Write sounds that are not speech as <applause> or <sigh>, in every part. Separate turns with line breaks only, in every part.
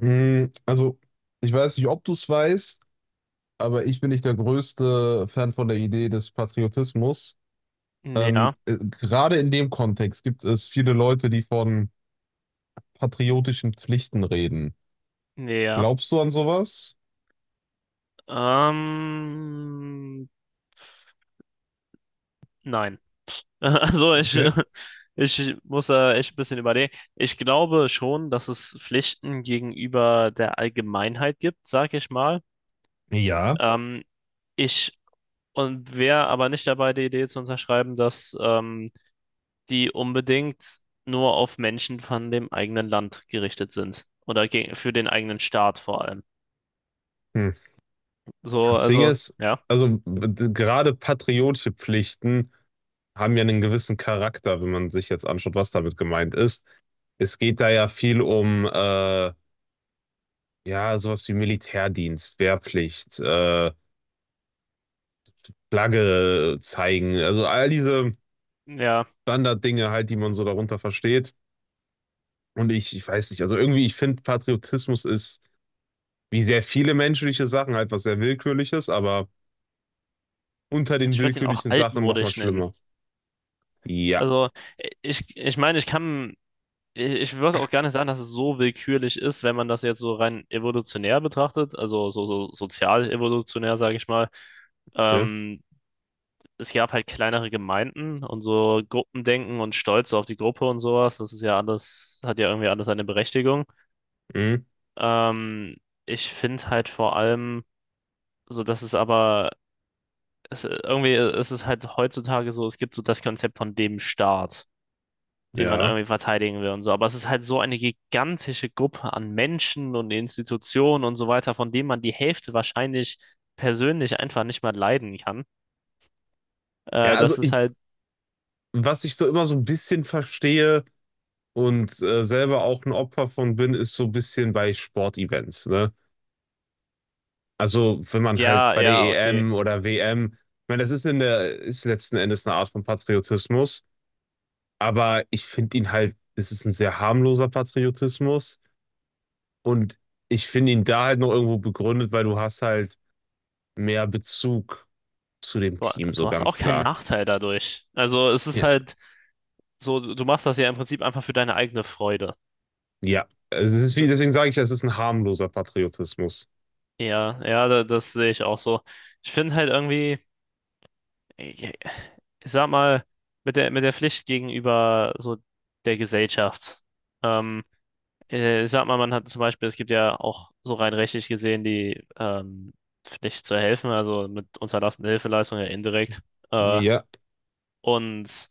Mm, Also, Ich weiß nicht, ob du es weißt, aber ich bin nicht der größte Fan von der Idee des Patriotismus.
Ja,
Gerade in dem Kontext gibt es viele Leute, die von patriotischen Pflichten reden.
ja.
Glaubst du an sowas?
Ähm, nein. <laughs> Also ich,
Okay.
ich muss da echt ein bisschen überlegen. Ich glaube schon, dass es Pflichten gegenüber der Allgemeinheit gibt, sag ich mal.
Ja.
Ähm, ich und wäre aber nicht dabei, die Idee zu unterschreiben, dass die unbedingt nur auf Menschen von dem eigenen Land gerichtet sind. Oder gegen, für den eigenen Staat vor allem.
Hm.
So,
Das Ding
also,
ist,
ja.
gerade patriotische Pflichten haben ja einen gewissen Charakter, wenn man sich jetzt anschaut, was damit gemeint ist. Es geht da ja viel um ja, sowas wie Militärdienst, Wehrpflicht, Flagge zeigen, also all diese
Ja.
Standarddinge halt, die man so darunter versteht. Und ich weiß nicht, also irgendwie, ich finde, Patriotismus ist wie sehr viele menschliche Sachen halt was sehr Willkürliches, aber unter den
Ich würde ihn auch
willkürlichen Sachen nochmal
altmodisch nennen.
schlimmer. Ja,
Also, ich meine, ich kann, ich würde auch gar nicht sagen, dass es so willkürlich ist, wenn man das jetzt so rein evolutionär betrachtet, also so, so sozial evolutionär, sage ich mal.
okay.
Ähm, Es gab halt kleinere Gemeinden und so Gruppendenken und Stolz auf die Gruppe und sowas. Das ist ja alles, hat ja irgendwie alles eine Berechtigung.
Mhm.
Ähm, ich finde halt vor allem, so dass es aber, es, irgendwie ist es halt heutzutage so, es gibt so das Konzept von dem Staat, den man
Ja.
irgendwie verteidigen will und so. Aber es ist halt so eine gigantische Gruppe an Menschen und Institutionen und so weiter, von denen man die Hälfte wahrscheinlich persönlich einfach nicht mal leiden kann.
Ja, also
Das ist
ich,
halt,
was ich so immer so ein bisschen verstehe und selber auch ein Opfer von bin, ist so ein bisschen bei Sportevents, ne? Also, wenn man halt
ja,
bei der
ja, okay.
EM oder WM, ich meine, das ist in der, ist letzten Endes eine Art von Patriotismus, aber ich finde ihn halt, es ist ein sehr harmloser Patriotismus und ich finde ihn da halt noch irgendwo begründet, weil du hast halt mehr Bezug zu dem
Du,
Team, so
du hast
ganz
auch keinen
klar.
Nachteil dadurch. Also es ist
Ja.
halt so, du machst das ja im Prinzip einfach für deine eigene Freude.
Ja, also, es ist
D-
wie, deswegen sage ich, es ist ein harmloser Patriotismus.
Ja, ja, das sehe ich auch so. Ich finde halt irgendwie, ich ich sag mal, mit mit der Pflicht gegenüber so der Gesellschaft. Ähm, Ich sag mal, man hat zum Beispiel, es gibt ja auch so rein rechtlich gesehen die Pflicht zu helfen, also mit unterlassener Hilfeleistung ja indirekt. Äh,
Ja.
und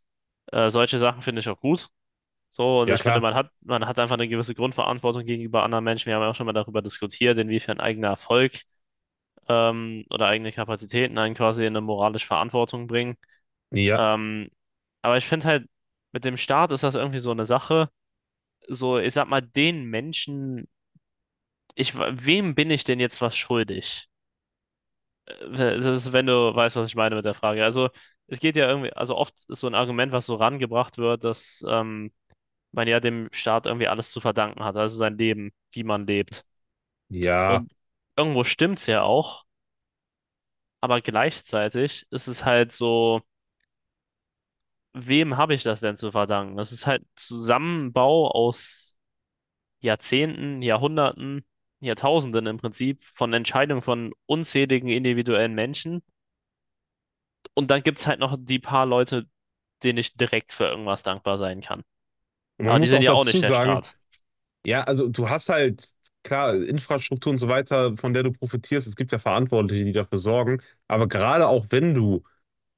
äh, solche Sachen finde ich auch gut. So, und
Ja,
ich finde,
klar.
man hat einfach eine gewisse Grundverantwortung gegenüber anderen Menschen. Wir haben ja auch schon mal darüber diskutiert, inwiefern eigener Erfolg oder eigene Kapazitäten einen quasi in eine moralische Verantwortung bringen.
Ja.
Ähm, aber ich finde halt, mit dem Staat ist das irgendwie so eine Sache. So, ich sag mal, den Menschen ich, wem bin ich denn jetzt was schuldig? Das ist, wenn du weißt, was ich meine mit der Frage. Also, es geht ja irgendwie, also oft ist so ein Argument, was so rangebracht wird, dass man ja dem Staat irgendwie alles zu verdanken hat, also sein Leben, wie man lebt.
Ja.
Und irgendwo stimmt's ja auch, aber gleichzeitig ist es halt so, wem habe ich das denn zu verdanken? Das ist halt Zusammenbau aus Jahrzehnten, Jahrhunderten, Jahrtausenden im Prinzip von Entscheidungen von unzähligen individuellen Menschen. Und dann gibt es halt noch die paar Leute, denen ich direkt für irgendwas dankbar sein kann.
Und man
Aber die
muss
sind
auch
ja auch
dazu
nicht der
sagen,
Staat.
ja, also du hast halt, klar, Infrastruktur und so weiter, von der du profitierst. Es gibt ja Verantwortliche, die dafür sorgen. Aber gerade auch wenn du,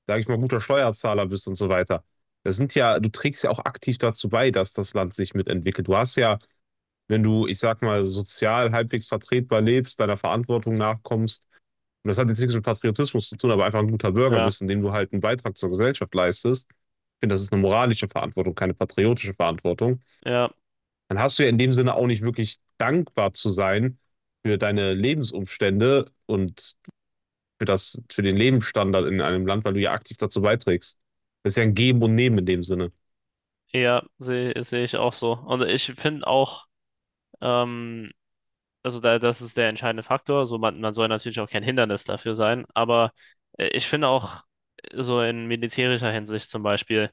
sag ich mal, guter Steuerzahler bist und so weiter, das sind ja, du trägst ja auch aktiv dazu bei, dass das Land sich mitentwickelt. Du hast ja, wenn du, ich sag mal, sozial halbwegs vertretbar lebst, deiner Verantwortung nachkommst, und das hat jetzt nichts mit Patriotismus zu tun, aber einfach ein guter Bürger
Ja,
bist, indem du halt einen Beitrag zur Gesellschaft leistest. Ich finde, das ist eine moralische Verantwortung, keine patriotische Verantwortung,
ja,
dann hast du ja in dem Sinne auch nicht wirklich dankbar zu sein für deine Lebensumstände und für das, für den Lebensstandard in einem Land, weil du ja aktiv dazu beiträgst. Das ist ja ein Geben und Nehmen in dem Sinne.
ja, sehe ich auch so. Und ich finde auch, ähm, also da, das ist der entscheidende Faktor. So, man soll natürlich auch kein Hindernis dafür sein, aber ich finde auch so in militärischer Hinsicht zum Beispiel,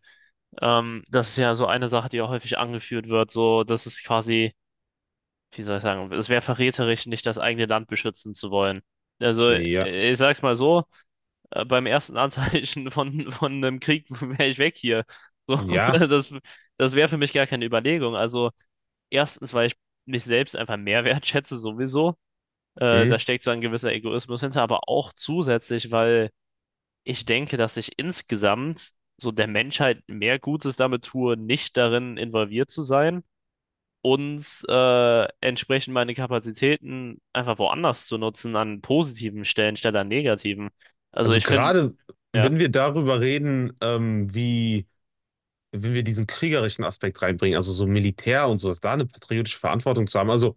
das ist ja so eine Sache, die auch häufig angeführt wird, so, das ist quasi, wie soll ich sagen, es wäre verräterisch, nicht das eigene Land beschützen zu wollen. Also,
Nee, ja,
ich sag's mal so, beim ersten Anzeichen <laughs> von einem Krieg <laughs> wäre ich weg hier. So, <laughs>
ja.
das, das wäre für mich gar keine Überlegung. Also, erstens, weil ich mich selbst einfach mehr <laughs> wertschätze, sowieso. Da
Hm.
steckt so ein gewisser Egoismus hinter, aber auch zusätzlich, weil ich denke, dass ich insgesamt so der Menschheit mehr Gutes damit tue, nicht darin involviert zu sein und entsprechend meine Kapazitäten einfach woanders zu nutzen, an positiven Stellen statt an negativen. Also
Also
ich finde,
gerade
ja,
wenn wir darüber reden, wie, wenn wir diesen kriegerischen Aspekt reinbringen, also so Militär und sowas, da eine patriotische Verantwortung zu haben. Also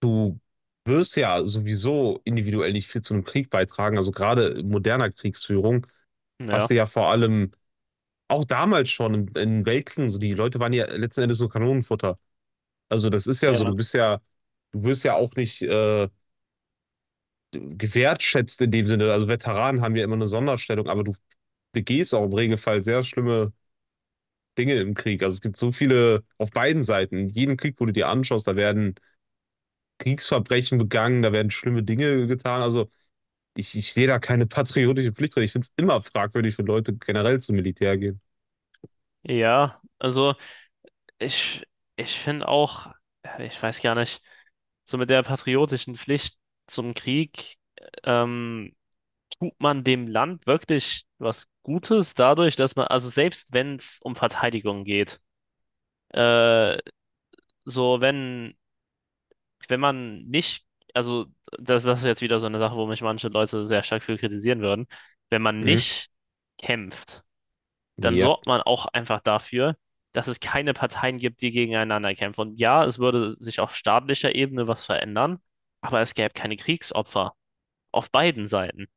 du wirst ja sowieso individuell nicht viel zu einem Krieg beitragen. Also gerade in moderner Kriegsführung hast
ja.
du ja vor allem auch damals schon in Weltkriegen, so die Leute waren ja letzten Endes nur Kanonenfutter. Also das ist ja so, du
Ja,
bist ja, du wirst ja auch nicht gewertschätzt in dem Sinne. Also Veteranen haben ja immer eine Sonderstellung, aber du begehst auch im Regelfall sehr schlimme Dinge im Krieg. Also es gibt so viele auf beiden Seiten. In jedem Krieg, wo du dir anschaust, da werden Kriegsverbrechen begangen, da werden schlimme Dinge getan. Also ich sehe da keine patriotische Pflicht drin. Ich finde es immer fragwürdig, wenn Leute generell zum Militär gehen.
ja, ich, ich finde auch, ja, ich weiß gar nicht, so mit der patriotischen Pflicht zum Krieg, ähm, tut man dem Land wirklich was Gutes dadurch, dass man, also selbst wenn es um Verteidigung geht, äh, so wenn, wenn man nicht, also das, das ist jetzt wieder so eine Sache, wo mich manche Leute sehr stark für kritisieren würden, wenn man
Mhm.
nicht kämpft. Dann
Ja.
sorgt man auch einfach dafür, dass es keine Parteien gibt, die gegeneinander kämpfen. Und ja, es würde sich auf staatlicher Ebene was verändern, aber es gäbe keine Kriegsopfer auf beiden Seiten.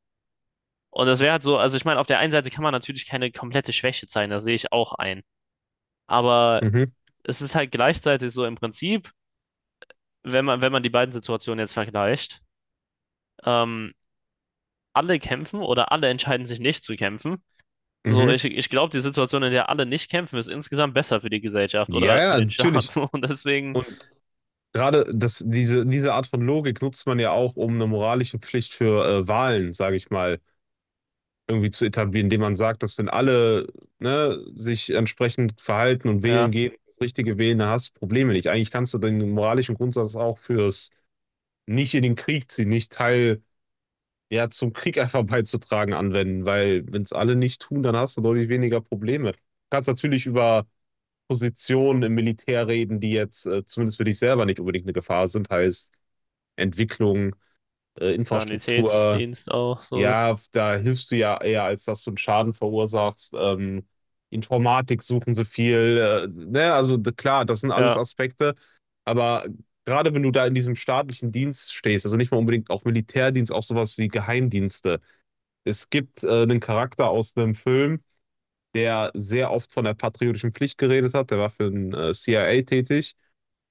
Und das wäre halt so, also ich meine, auf der einen Seite kann man natürlich keine komplette Schwäche zeigen, da sehe ich auch ein. Aber
Mhm.
es ist halt gleichzeitig so im Prinzip, wenn wenn man die beiden Situationen jetzt vergleicht, ähm, alle kämpfen oder alle entscheiden sich nicht zu kämpfen. So,
Mhm.
ich glaube, die Situation, in der alle nicht kämpfen, ist insgesamt besser für die Gesellschaft
Ja,
oder für
ja,
den Staat. <laughs>
natürlich.
So, und deswegen
Und gerade das, diese Art von Logik nutzt man ja auch, um eine moralische Pflicht für Wahlen, sage ich mal, irgendwie zu etablieren, indem man sagt, dass wenn alle, ne, sich entsprechend verhalten und
ja,
wählen gehen, das Richtige wählen, dann hast du Probleme nicht. Eigentlich kannst du den moralischen Grundsatz auch fürs nicht in den Krieg ziehen, nicht Teil ja zum Krieg einfach <laughs> beizutragen anwenden, weil wenn es alle nicht tun, dann hast du deutlich weniger Probleme. Du kannst natürlich über Positionen im Militär reden, die jetzt zumindest für dich selber nicht unbedingt eine Gefahr sind, heißt Entwicklung, Infrastruktur.
Sanitätsdienst auch so.
Ja, da hilfst du ja eher, als dass du einen Schaden verursachst. Informatik suchen sie viel. Ne, klar, das sind alles
Ja,
Aspekte. Aber gerade wenn du da in diesem staatlichen Dienst stehst, also nicht mal unbedingt auch Militärdienst, auch sowas wie Geheimdienste. Es gibt einen Charakter aus einem Film, der sehr oft von der patriotischen Pflicht geredet hat. Der war für den CIA tätig.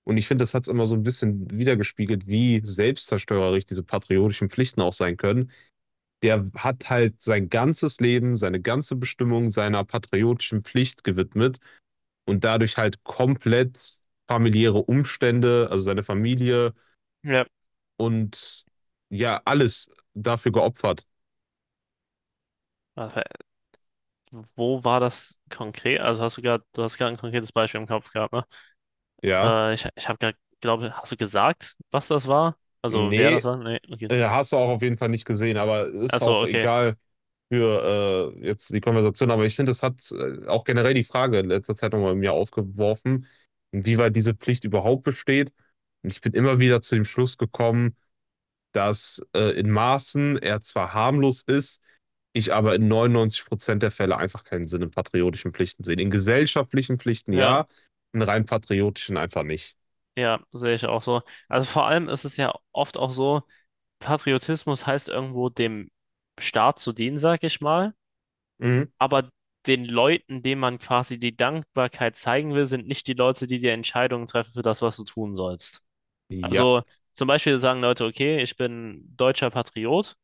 Und ich finde, das hat's immer so ein bisschen wiedergespiegelt, wie selbstzerstörerisch diese patriotischen Pflichten auch sein können. Der hat halt sein ganzes Leben, seine ganze Bestimmung seiner patriotischen Pflicht gewidmet und dadurch halt komplett familiäre Umstände, also seine Familie
ja.
und ja, alles dafür geopfert.
Aber wo war das konkret? Also hast du gerade, du hast gerade ein konkretes Beispiel im Kopf gehabt, ne?
Ja,
Ich habe gerade, glaube, hast du gesagt, was das war? Also wer das
nee,
war? Nee, okay.
hast du auch auf jeden Fall nicht gesehen, aber ist
Achso,
auch
okay.
egal für jetzt die Konversation, aber ich finde, es hat auch generell die Frage in letzter Zeit nochmal in mir aufgeworfen, inwieweit diese Pflicht überhaupt besteht. Und ich bin immer wieder zu dem Schluss gekommen, dass in Maßen er zwar harmlos ist, ich aber in 99% der Fälle einfach keinen Sinn in patriotischen Pflichten sehe. In gesellschaftlichen Pflichten
Ja,
ja, in rein patriotischen einfach nicht.
ja, sehe ich auch so. Also vor allem ist es ja oft auch so, Patriotismus heißt irgendwo dem Staat zu dienen, sag ich mal,
Mhm.
aber den Leuten, denen man quasi die Dankbarkeit zeigen will, sind nicht die Leute, die die Entscheidungen treffen für das, was du tun sollst.
Ja,
Also zum Beispiel sagen Leute, okay, ich bin deutscher Patriot,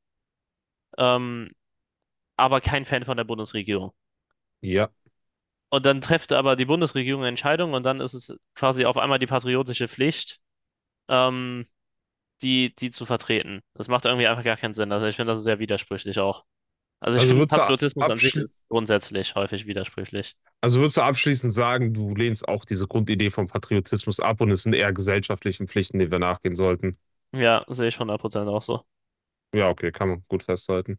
ähm, aber kein Fan von der Bundesregierung.
ja.
Und dann trifft aber die Bundesregierung eine Entscheidung und dann ist es quasi auf einmal die patriotische Pflicht, ähm, die zu vertreten. Das macht irgendwie einfach gar keinen Sinn. Also ich finde das ist sehr widersprüchlich auch. Also ich
Also
finde,
würdest du
Patriotismus an sich
abschli-
ist grundsätzlich häufig widersprüchlich.
Also würdest du abschließend sagen, du lehnst auch diese Grundidee vom Patriotismus ab und es sind eher gesellschaftlichen Pflichten, denen wir nachgehen sollten?
Ja, sehe ich 100% auch so.
Ja, okay, kann man gut festhalten.